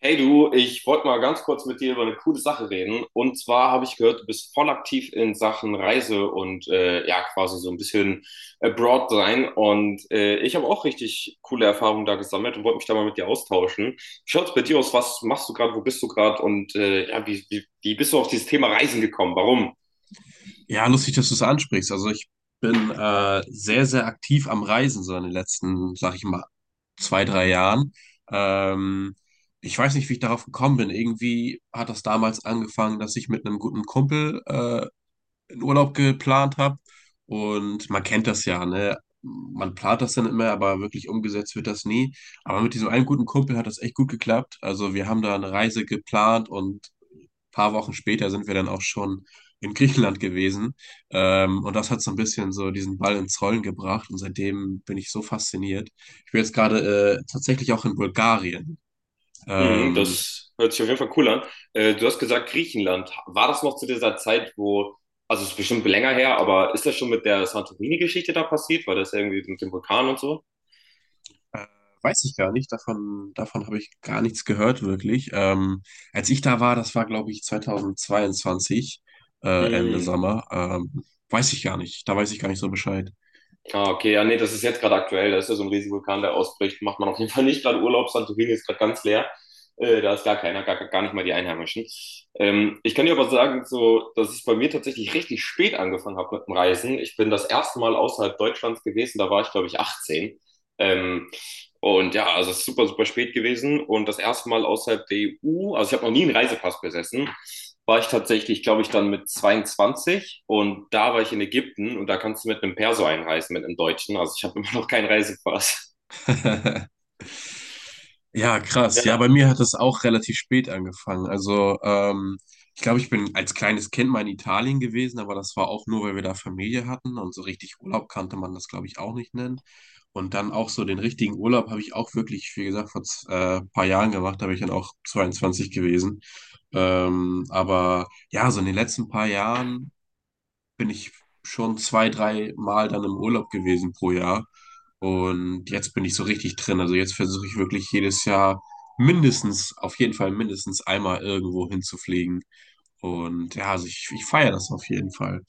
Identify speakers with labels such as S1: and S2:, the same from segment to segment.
S1: Hey du, ich wollte mal ganz kurz mit dir über eine coole Sache reden. Und zwar habe ich gehört, du bist voll aktiv in Sachen Reise und ja, quasi so ein bisschen abroad sein. Und ich habe auch richtig coole Erfahrungen da gesammelt und wollte mich da mal mit dir austauschen. Wie schaut's bei dir aus? Was machst du gerade? Wo bist du gerade? Und ja, wie bist du auf dieses Thema Reisen gekommen? Warum?
S2: Ja, lustig, dass du es ansprichst. Also ich bin sehr, sehr aktiv am Reisen, so in den letzten, sag ich mal, zwei, drei Jahren. Ähm, ich weiß nicht, wie ich darauf gekommen bin. Irgendwie hat das damals angefangen, dass ich mit einem guten Kumpel einen Urlaub geplant habe. Und man kennt das ja, ne? Man plant das dann immer, aber wirklich umgesetzt wird das nie. Aber mit diesem einen guten Kumpel hat das echt gut geklappt. Also wir haben da eine Reise geplant und paar Wochen später sind wir dann auch schon in Griechenland gewesen. Und das hat so ein bisschen so diesen Ball ins Rollen gebracht. Und seitdem bin ich so fasziniert. Ich bin jetzt gerade tatsächlich auch in Bulgarien.
S1: Mhm,
S2: Ähm,
S1: das hört sich auf jeden Fall cool an. Du hast gesagt, Griechenland. War das noch zu dieser Zeit, also es ist bestimmt länger her, aber ist das schon mit der Santorini-Geschichte da passiert? War das irgendwie mit dem Vulkan und so?
S2: äh, weiß ich gar nicht. Davon habe ich gar nichts gehört, wirklich. Als ich da war, das war, glaube ich, 2022, Ende
S1: Mhm.
S2: Sommer. Weiß ich gar nicht. Da weiß ich gar nicht so Bescheid.
S1: Ah, okay. Ja, nee, das ist jetzt gerade aktuell. Da ist ja so ein riesiger Vulkan, der ausbricht. Macht man auf jeden Fall nicht gerade Urlaub. Santorini ist gerade ganz leer. Da ist gar keiner, gar nicht mal die Einheimischen. Ich kann dir aber sagen, so, dass ich bei mir tatsächlich richtig spät angefangen habe mit dem Reisen. Ich bin das erste Mal außerhalb Deutschlands gewesen. Da war ich, glaube ich, 18. Ähm, Und ja, also es ist super, super spät gewesen. Und das erste Mal außerhalb der EU, also ich habe noch nie einen Reisepass besessen, war ich tatsächlich, glaube ich, dann mit 22. Und da war ich in Ägypten und da kannst du mit einem Perso einreisen, mit einem Deutschen. Also ich habe immer noch keinen Reisepass.
S2: Ja, krass. Ja,
S1: Ja,
S2: bei mir hat das auch relativ spät angefangen. Also, ich glaube, ich bin als kleines Kind mal in Italien gewesen, aber das war auch nur, weil wir da Familie hatten und so richtig Urlaub kannte man das, glaube ich, auch nicht nennen. Und dann auch so den richtigen Urlaub habe ich auch wirklich, wie gesagt, paar Jahren gemacht, da bin ich dann auch 22 gewesen. Aber ja, so in den letzten paar Jahren bin ich schon zwei, drei Mal dann im Urlaub gewesen pro Jahr. Und jetzt bin ich so richtig drin. Also jetzt versuche ich wirklich jedes Jahr mindestens, auf jeden Fall mindestens einmal irgendwo hinzufliegen. Und ja, also ich feiere das auf jeden Fall.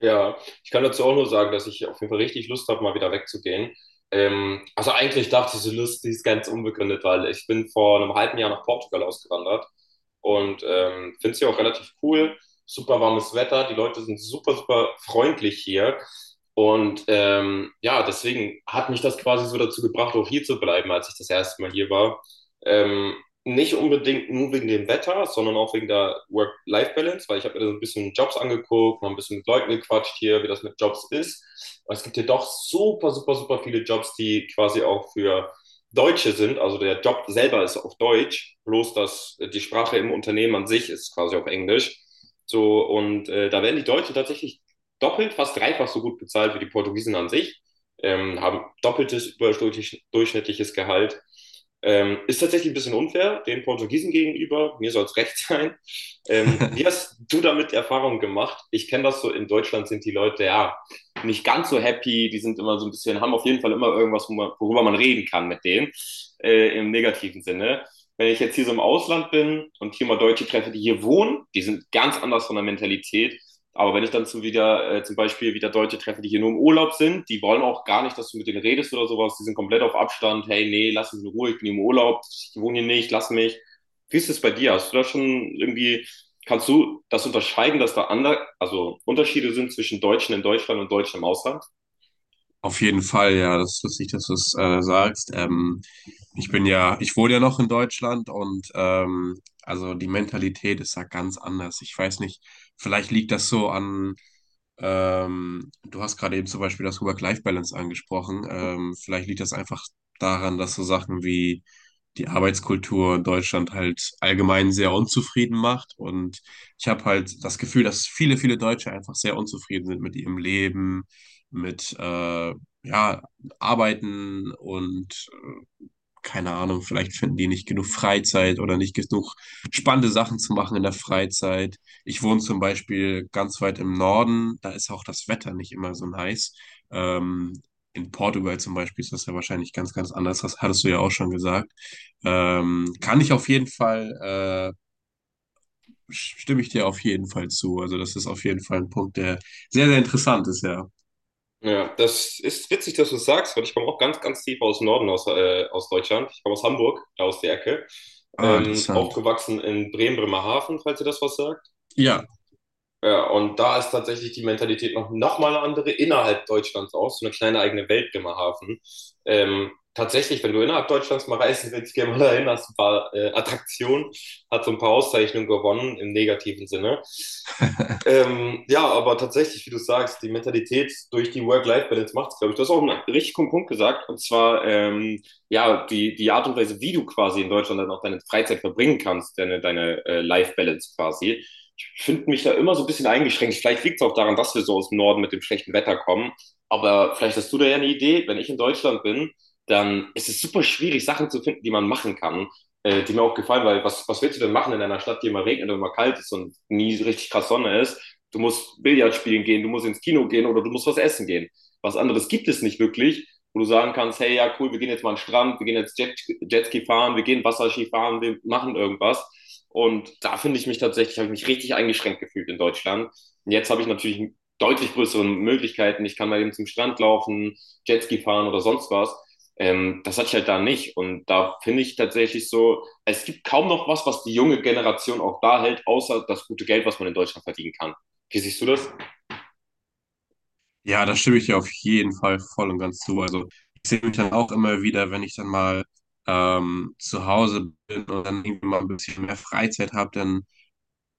S1: ja, ich kann dazu auch nur sagen, dass ich auf jeden Fall richtig Lust habe, mal wieder wegzugehen. Also eigentlich dachte ich, diese Lust, die ist ganz unbegründet, weil ich bin vor einem halben Jahr nach Portugal ausgewandert und finde es hier auch relativ cool. Super warmes Wetter, die Leute sind super, super freundlich hier. Und ja, deswegen hat mich das quasi so dazu gebracht, auch hier zu bleiben, als ich das erste Mal hier war. Ähm, Nicht unbedingt nur wegen dem Wetter, sondern auch wegen der Work-Life-Balance, weil ich habe mir da so ein bisschen Jobs angeguckt, mal ein bisschen mit Leuten gequatscht hier, wie das mit Jobs ist. Aber es gibt hier doch super, super, super viele Jobs, die quasi auch für Deutsche sind. Also der Job selber ist auf Deutsch, bloß dass die Sprache im Unternehmen an sich ist quasi auf Englisch. So, und da werden die Deutschen tatsächlich doppelt, fast dreifach so gut bezahlt wie die Portugiesen an sich, haben doppeltes überdurchschnittliches Gehalt. Ist tatsächlich ein bisschen unfair den Portugiesen gegenüber. Mir soll es recht sein. Wie hast du damit Erfahrung gemacht? Ich kenne das so, in Deutschland sind die Leute ja nicht ganz so happy. Die sind immer so ein bisschen, haben auf jeden Fall immer irgendwas, worüber man reden kann mit denen, im negativen Sinne. Wenn ich jetzt hier so im Ausland bin und hier mal Deutsche treffe, die hier wohnen, die sind ganz anders von der Mentalität. Aber wenn ich dann zum Beispiel wieder Deutsche treffe, die hier nur im Urlaub sind, die wollen auch gar nicht, dass du mit denen redest oder sowas. Die sind komplett auf Abstand. Hey, nee, lass mich in Ruhe, ich bin im Urlaub, ich wohne hier nicht, lass mich. Wie ist das bei dir? Hast du da schon irgendwie, kannst du das unterscheiden, dass da andere, also Unterschiede sind zwischen Deutschen in Deutschland und Deutschen im Ausland?
S2: Auf jeden Fall, ja, das ist lustig, dass du es sagst. Ich bin ja, ich wohne ja noch in Deutschland und also die Mentalität ist da ganz anders. Ich weiß nicht, vielleicht liegt das so an, du hast gerade eben zum Beispiel das Work-Life-Balance angesprochen. Vielleicht liegt das einfach daran, dass so Sachen wie die Arbeitskultur in Deutschland halt allgemein sehr unzufrieden macht. Und ich habe halt das Gefühl, dass viele, viele Deutsche einfach sehr unzufrieden sind mit ihrem Leben mit ja, arbeiten und keine Ahnung, vielleicht finden die nicht genug Freizeit oder nicht genug spannende Sachen zu machen in der Freizeit. Ich wohne zum Beispiel ganz weit im Norden, da ist auch das Wetter nicht immer so nice. Ähm, in Portugal zum Beispiel ist das ja wahrscheinlich ganz, ganz anders. Das hattest du ja auch schon gesagt. Kann ich auf jeden Fall, stimme ich dir auf jeden Fall zu. Also das ist auf jeden Fall ein Punkt, der sehr, sehr interessant ist, ja.
S1: Ja, das ist witzig, dass du es sagst, weil ich komme auch ganz, ganz tief aus dem Norden, aus Deutschland. Ich komme aus Hamburg, da aus der Ecke.
S2: Ah, interessant.
S1: Aufgewachsen in Bremen, Bremerhaven, falls ihr das was sagt.
S2: Ja,
S1: Ja, und da ist tatsächlich die Mentalität noch mal eine andere innerhalb Deutschlands auch, so eine kleine eigene Welt Bremerhaven. Tatsächlich, wenn du innerhalb Deutschlands mal reisen willst, geh mal dahin, hast ein paar Attraktionen, hat so ein paar Auszeichnungen gewonnen im negativen Sinne. Ja, aber tatsächlich, wie du sagst, die Mentalität durch die Work-Life-Balance macht es, glaube ich. Du hast auch einen richtig guten Punkt gesagt, und zwar ja, die Art und Weise, wie du quasi in Deutschland dann auch deine Freizeit verbringen kannst, deine, deine Life-Balance quasi. Ich finde mich da immer so ein bisschen eingeschränkt. Vielleicht liegt es auch daran, dass wir so aus dem Norden mit dem schlechten Wetter kommen. Aber vielleicht hast du da ja eine Idee, wenn ich in Deutschland bin, dann ist es super schwierig, Sachen zu finden, die man machen kann, die mir auch gefallen, weil was willst du denn machen in einer Stadt, die immer regnet und immer kalt ist und nie so richtig krass Sonne ist? Du musst Billard spielen gehen, du musst ins Kino gehen oder du musst was essen gehen. Was anderes gibt es nicht wirklich, wo du sagen kannst, hey, ja, cool, wir gehen jetzt mal an den Strand, wir gehen jetzt Jet, Jetski fahren, wir gehen Wasserski fahren, wir machen irgendwas. Und da finde ich mich tatsächlich, habe ich mich richtig eingeschränkt gefühlt in Deutschland. Und jetzt habe ich natürlich deutlich größere Möglichkeiten. Ich kann mal eben zum Strand laufen, Jetski fahren oder sonst was. Das hatte ich halt da nicht. Und da finde ich tatsächlich so, es gibt kaum noch was, was die junge Generation auch da hält, außer das gute Geld, was man in Deutschland verdienen kann. Wie siehst du das?
S2: ja, da stimme ich dir auf jeden Fall voll und ganz zu. Also ich sehe mich dann auch immer wieder, wenn ich dann mal zu Hause bin und dann irgendwie mal ein bisschen mehr Freizeit habe, dann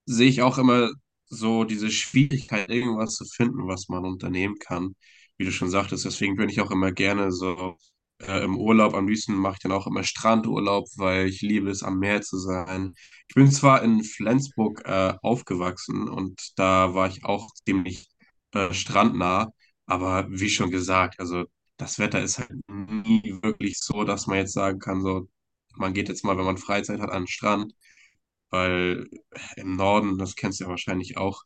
S2: sehe ich auch immer so diese Schwierigkeit, irgendwas zu finden, was man unternehmen kann, wie du schon sagtest. Deswegen bin ich auch immer gerne so im Urlaub. Am liebsten mache ich dann auch immer Strandurlaub, weil ich liebe es, am Meer zu sein. Ich bin zwar in Flensburg aufgewachsen und da war ich auch ziemlich strandnah, aber wie schon gesagt, also das Wetter ist halt nie wirklich so, dass man jetzt sagen kann, so man geht jetzt mal, wenn man Freizeit hat, an den Strand, weil im Norden, das kennst du ja wahrscheinlich auch,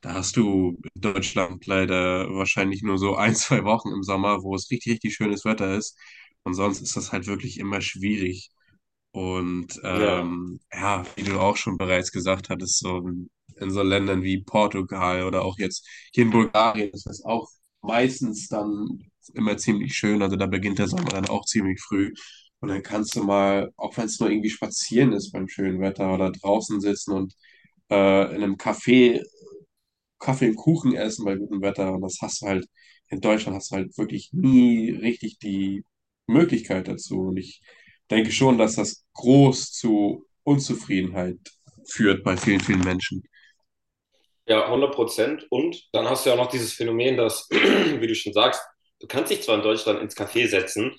S2: da hast du in Deutschland leider wahrscheinlich nur so ein, zwei Wochen im Sommer, wo es richtig, richtig schönes Wetter ist. Und sonst ist das halt wirklich immer schwierig. Und
S1: Ja.
S2: ja, wie du auch schon bereits gesagt hattest, in so Ländern wie Portugal oder auch jetzt hier in Bulgarien ist das auch meistens dann immer ziemlich schön. Also da beginnt der Sommer dann auch ziemlich früh. Und dann kannst du mal, auch wenn es nur irgendwie spazieren ist beim schönen Wetter oder draußen sitzen und in einem Café Kaffee und Kuchen essen bei gutem Wetter. Und das hast du halt, in Deutschland hast du halt wirklich nie richtig die Möglichkeit dazu. Und ich denke schon, dass das groß zu Unzufriedenheit führt bei vielen, vielen Menschen.
S1: Ja, 100%. Und dann hast du ja auch noch dieses Phänomen, dass, wie du schon sagst, du kannst dich zwar in Deutschland ins Café setzen,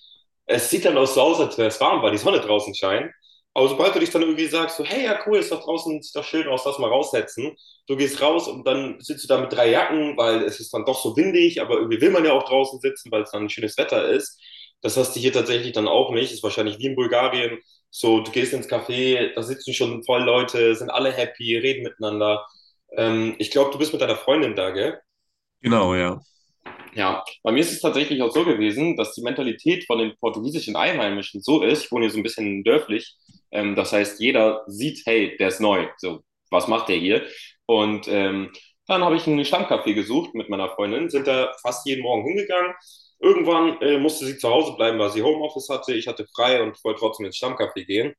S1: es sieht dann auch so aus, als wäre es warm, weil die Sonne draußen scheint. Aber sobald du dich dann irgendwie sagst, so, hey, ja, cool, ist doch draußen, sieht doch schön aus, lass mal raussetzen. Du gehst raus und dann sitzt du da mit drei Jacken, weil es ist dann doch so windig, aber irgendwie will man ja auch draußen sitzen, weil es dann ein schönes Wetter ist. Das hast du hier tatsächlich dann auch nicht. Ist wahrscheinlich wie in Bulgarien. So, du gehst ins Café, da sitzen schon voll Leute, sind alle happy, reden miteinander. Ich glaube, du bist mit deiner Freundin da, gell?
S2: Genau, ja.
S1: Ja, bei mir ist es tatsächlich auch so gewesen, dass die Mentalität von den portugiesischen Einheimischen so ist, ich wohne hier so ein bisschen dörflich, das heißt, jeder sieht, hey, der ist neu, so, was macht der hier? Und dann habe ich einen Stammcafé gesucht mit meiner Freundin, sind da fast jeden Morgen hingegangen. Irgendwann musste sie zu Hause bleiben, weil sie Homeoffice hatte, ich hatte frei und wollte trotzdem ins Stammcafé gehen.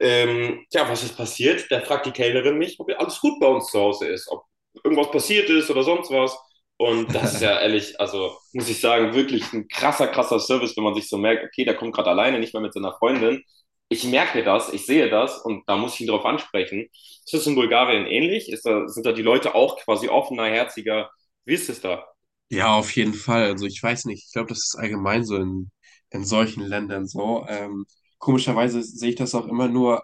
S1: Ja, was ist passiert? Da fragt die Kellnerin mich, ob alles gut bei uns zu Hause ist, ob irgendwas passiert ist oder sonst was. Und das ist ja ehrlich, also muss ich sagen, wirklich ein krasser, krasser Service, wenn man sich so merkt, okay, der kommt gerade alleine, nicht mehr mit seiner Freundin. Ich merke das, ich sehe das und da muss ich ihn drauf ansprechen. Ist das in Bulgarien ähnlich? Sind da die Leute auch quasi offener, herziger? Wie ist es da?
S2: Ja, auf jeden Fall. Also ich weiß nicht, ich glaube, das ist allgemein in solchen Ländern so. Komischerweise sehe ich das auch immer nur,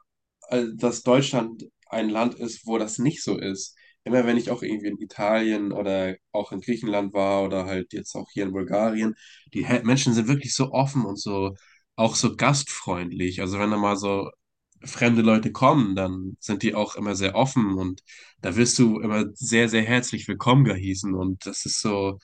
S2: dass Deutschland ein Land ist, wo das nicht so ist. Immer wenn ich auch irgendwie in Italien oder auch in Griechenland war oder halt jetzt auch hier in Bulgarien, die Menschen sind wirklich so offen und so auch so gastfreundlich. Also wenn da mal so fremde Leute kommen, dann sind die auch immer sehr offen und da wirst du immer sehr, sehr herzlich willkommen geheißen und das ist so,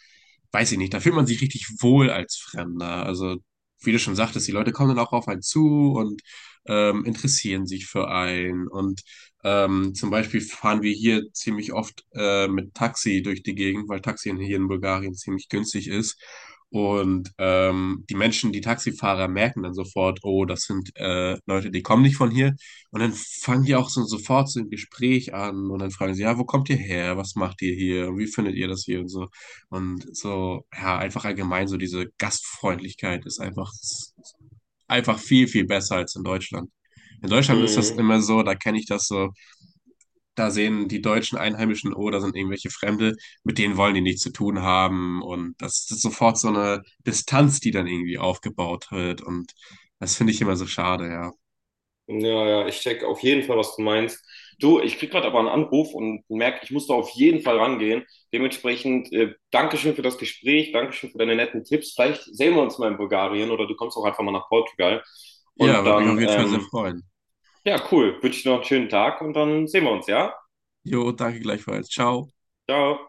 S2: weiß ich nicht, da fühlt man sich richtig wohl als Fremder. Also, wie du schon sagtest, die Leute kommen dann auch auf einen zu und interessieren sich für einen. Und zum Beispiel fahren wir hier ziemlich oft mit Taxi durch die Gegend, weil Taxi hier in Bulgarien ziemlich günstig ist. Und die Menschen, die Taxifahrer, merken dann sofort, oh, das sind Leute, die kommen nicht von hier. Und dann fangen die auch so, sofort so ein Gespräch an und dann fragen sie, ja, wo kommt ihr her? Was macht ihr hier? Und wie findet ihr das hier? Und so. Und so, ja, einfach allgemein, so diese Gastfreundlichkeit ist einfach viel, viel besser als in Deutschland. In Deutschland ist das
S1: Mhm.
S2: immer so, da kenne ich das so, da sehen die deutschen Einheimischen, oh, da sind irgendwelche Fremde, mit denen wollen die nichts zu tun haben. Und das ist sofort so eine Distanz, die dann irgendwie aufgebaut wird. Und das finde ich immer so schade, ja.
S1: Ja, ja, ich check auf jeden Fall, was du meinst. Du, ich krieg gerade aber einen Anruf und merke, ich muss da auf jeden Fall rangehen. Dementsprechend, Dankeschön für das Gespräch, Dankeschön für deine netten Tipps. Vielleicht sehen wir uns mal in Bulgarien oder du kommst auch einfach mal nach Portugal.
S2: Ja,
S1: Und
S2: würde mich auf
S1: dann,
S2: jeden Fall sehr freuen.
S1: ja, cool. Wünsche dir noch einen schönen Tag und dann sehen wir uns, ja?
S2: Jo, danke gleichfalls. Ciao.
S1: Ciao.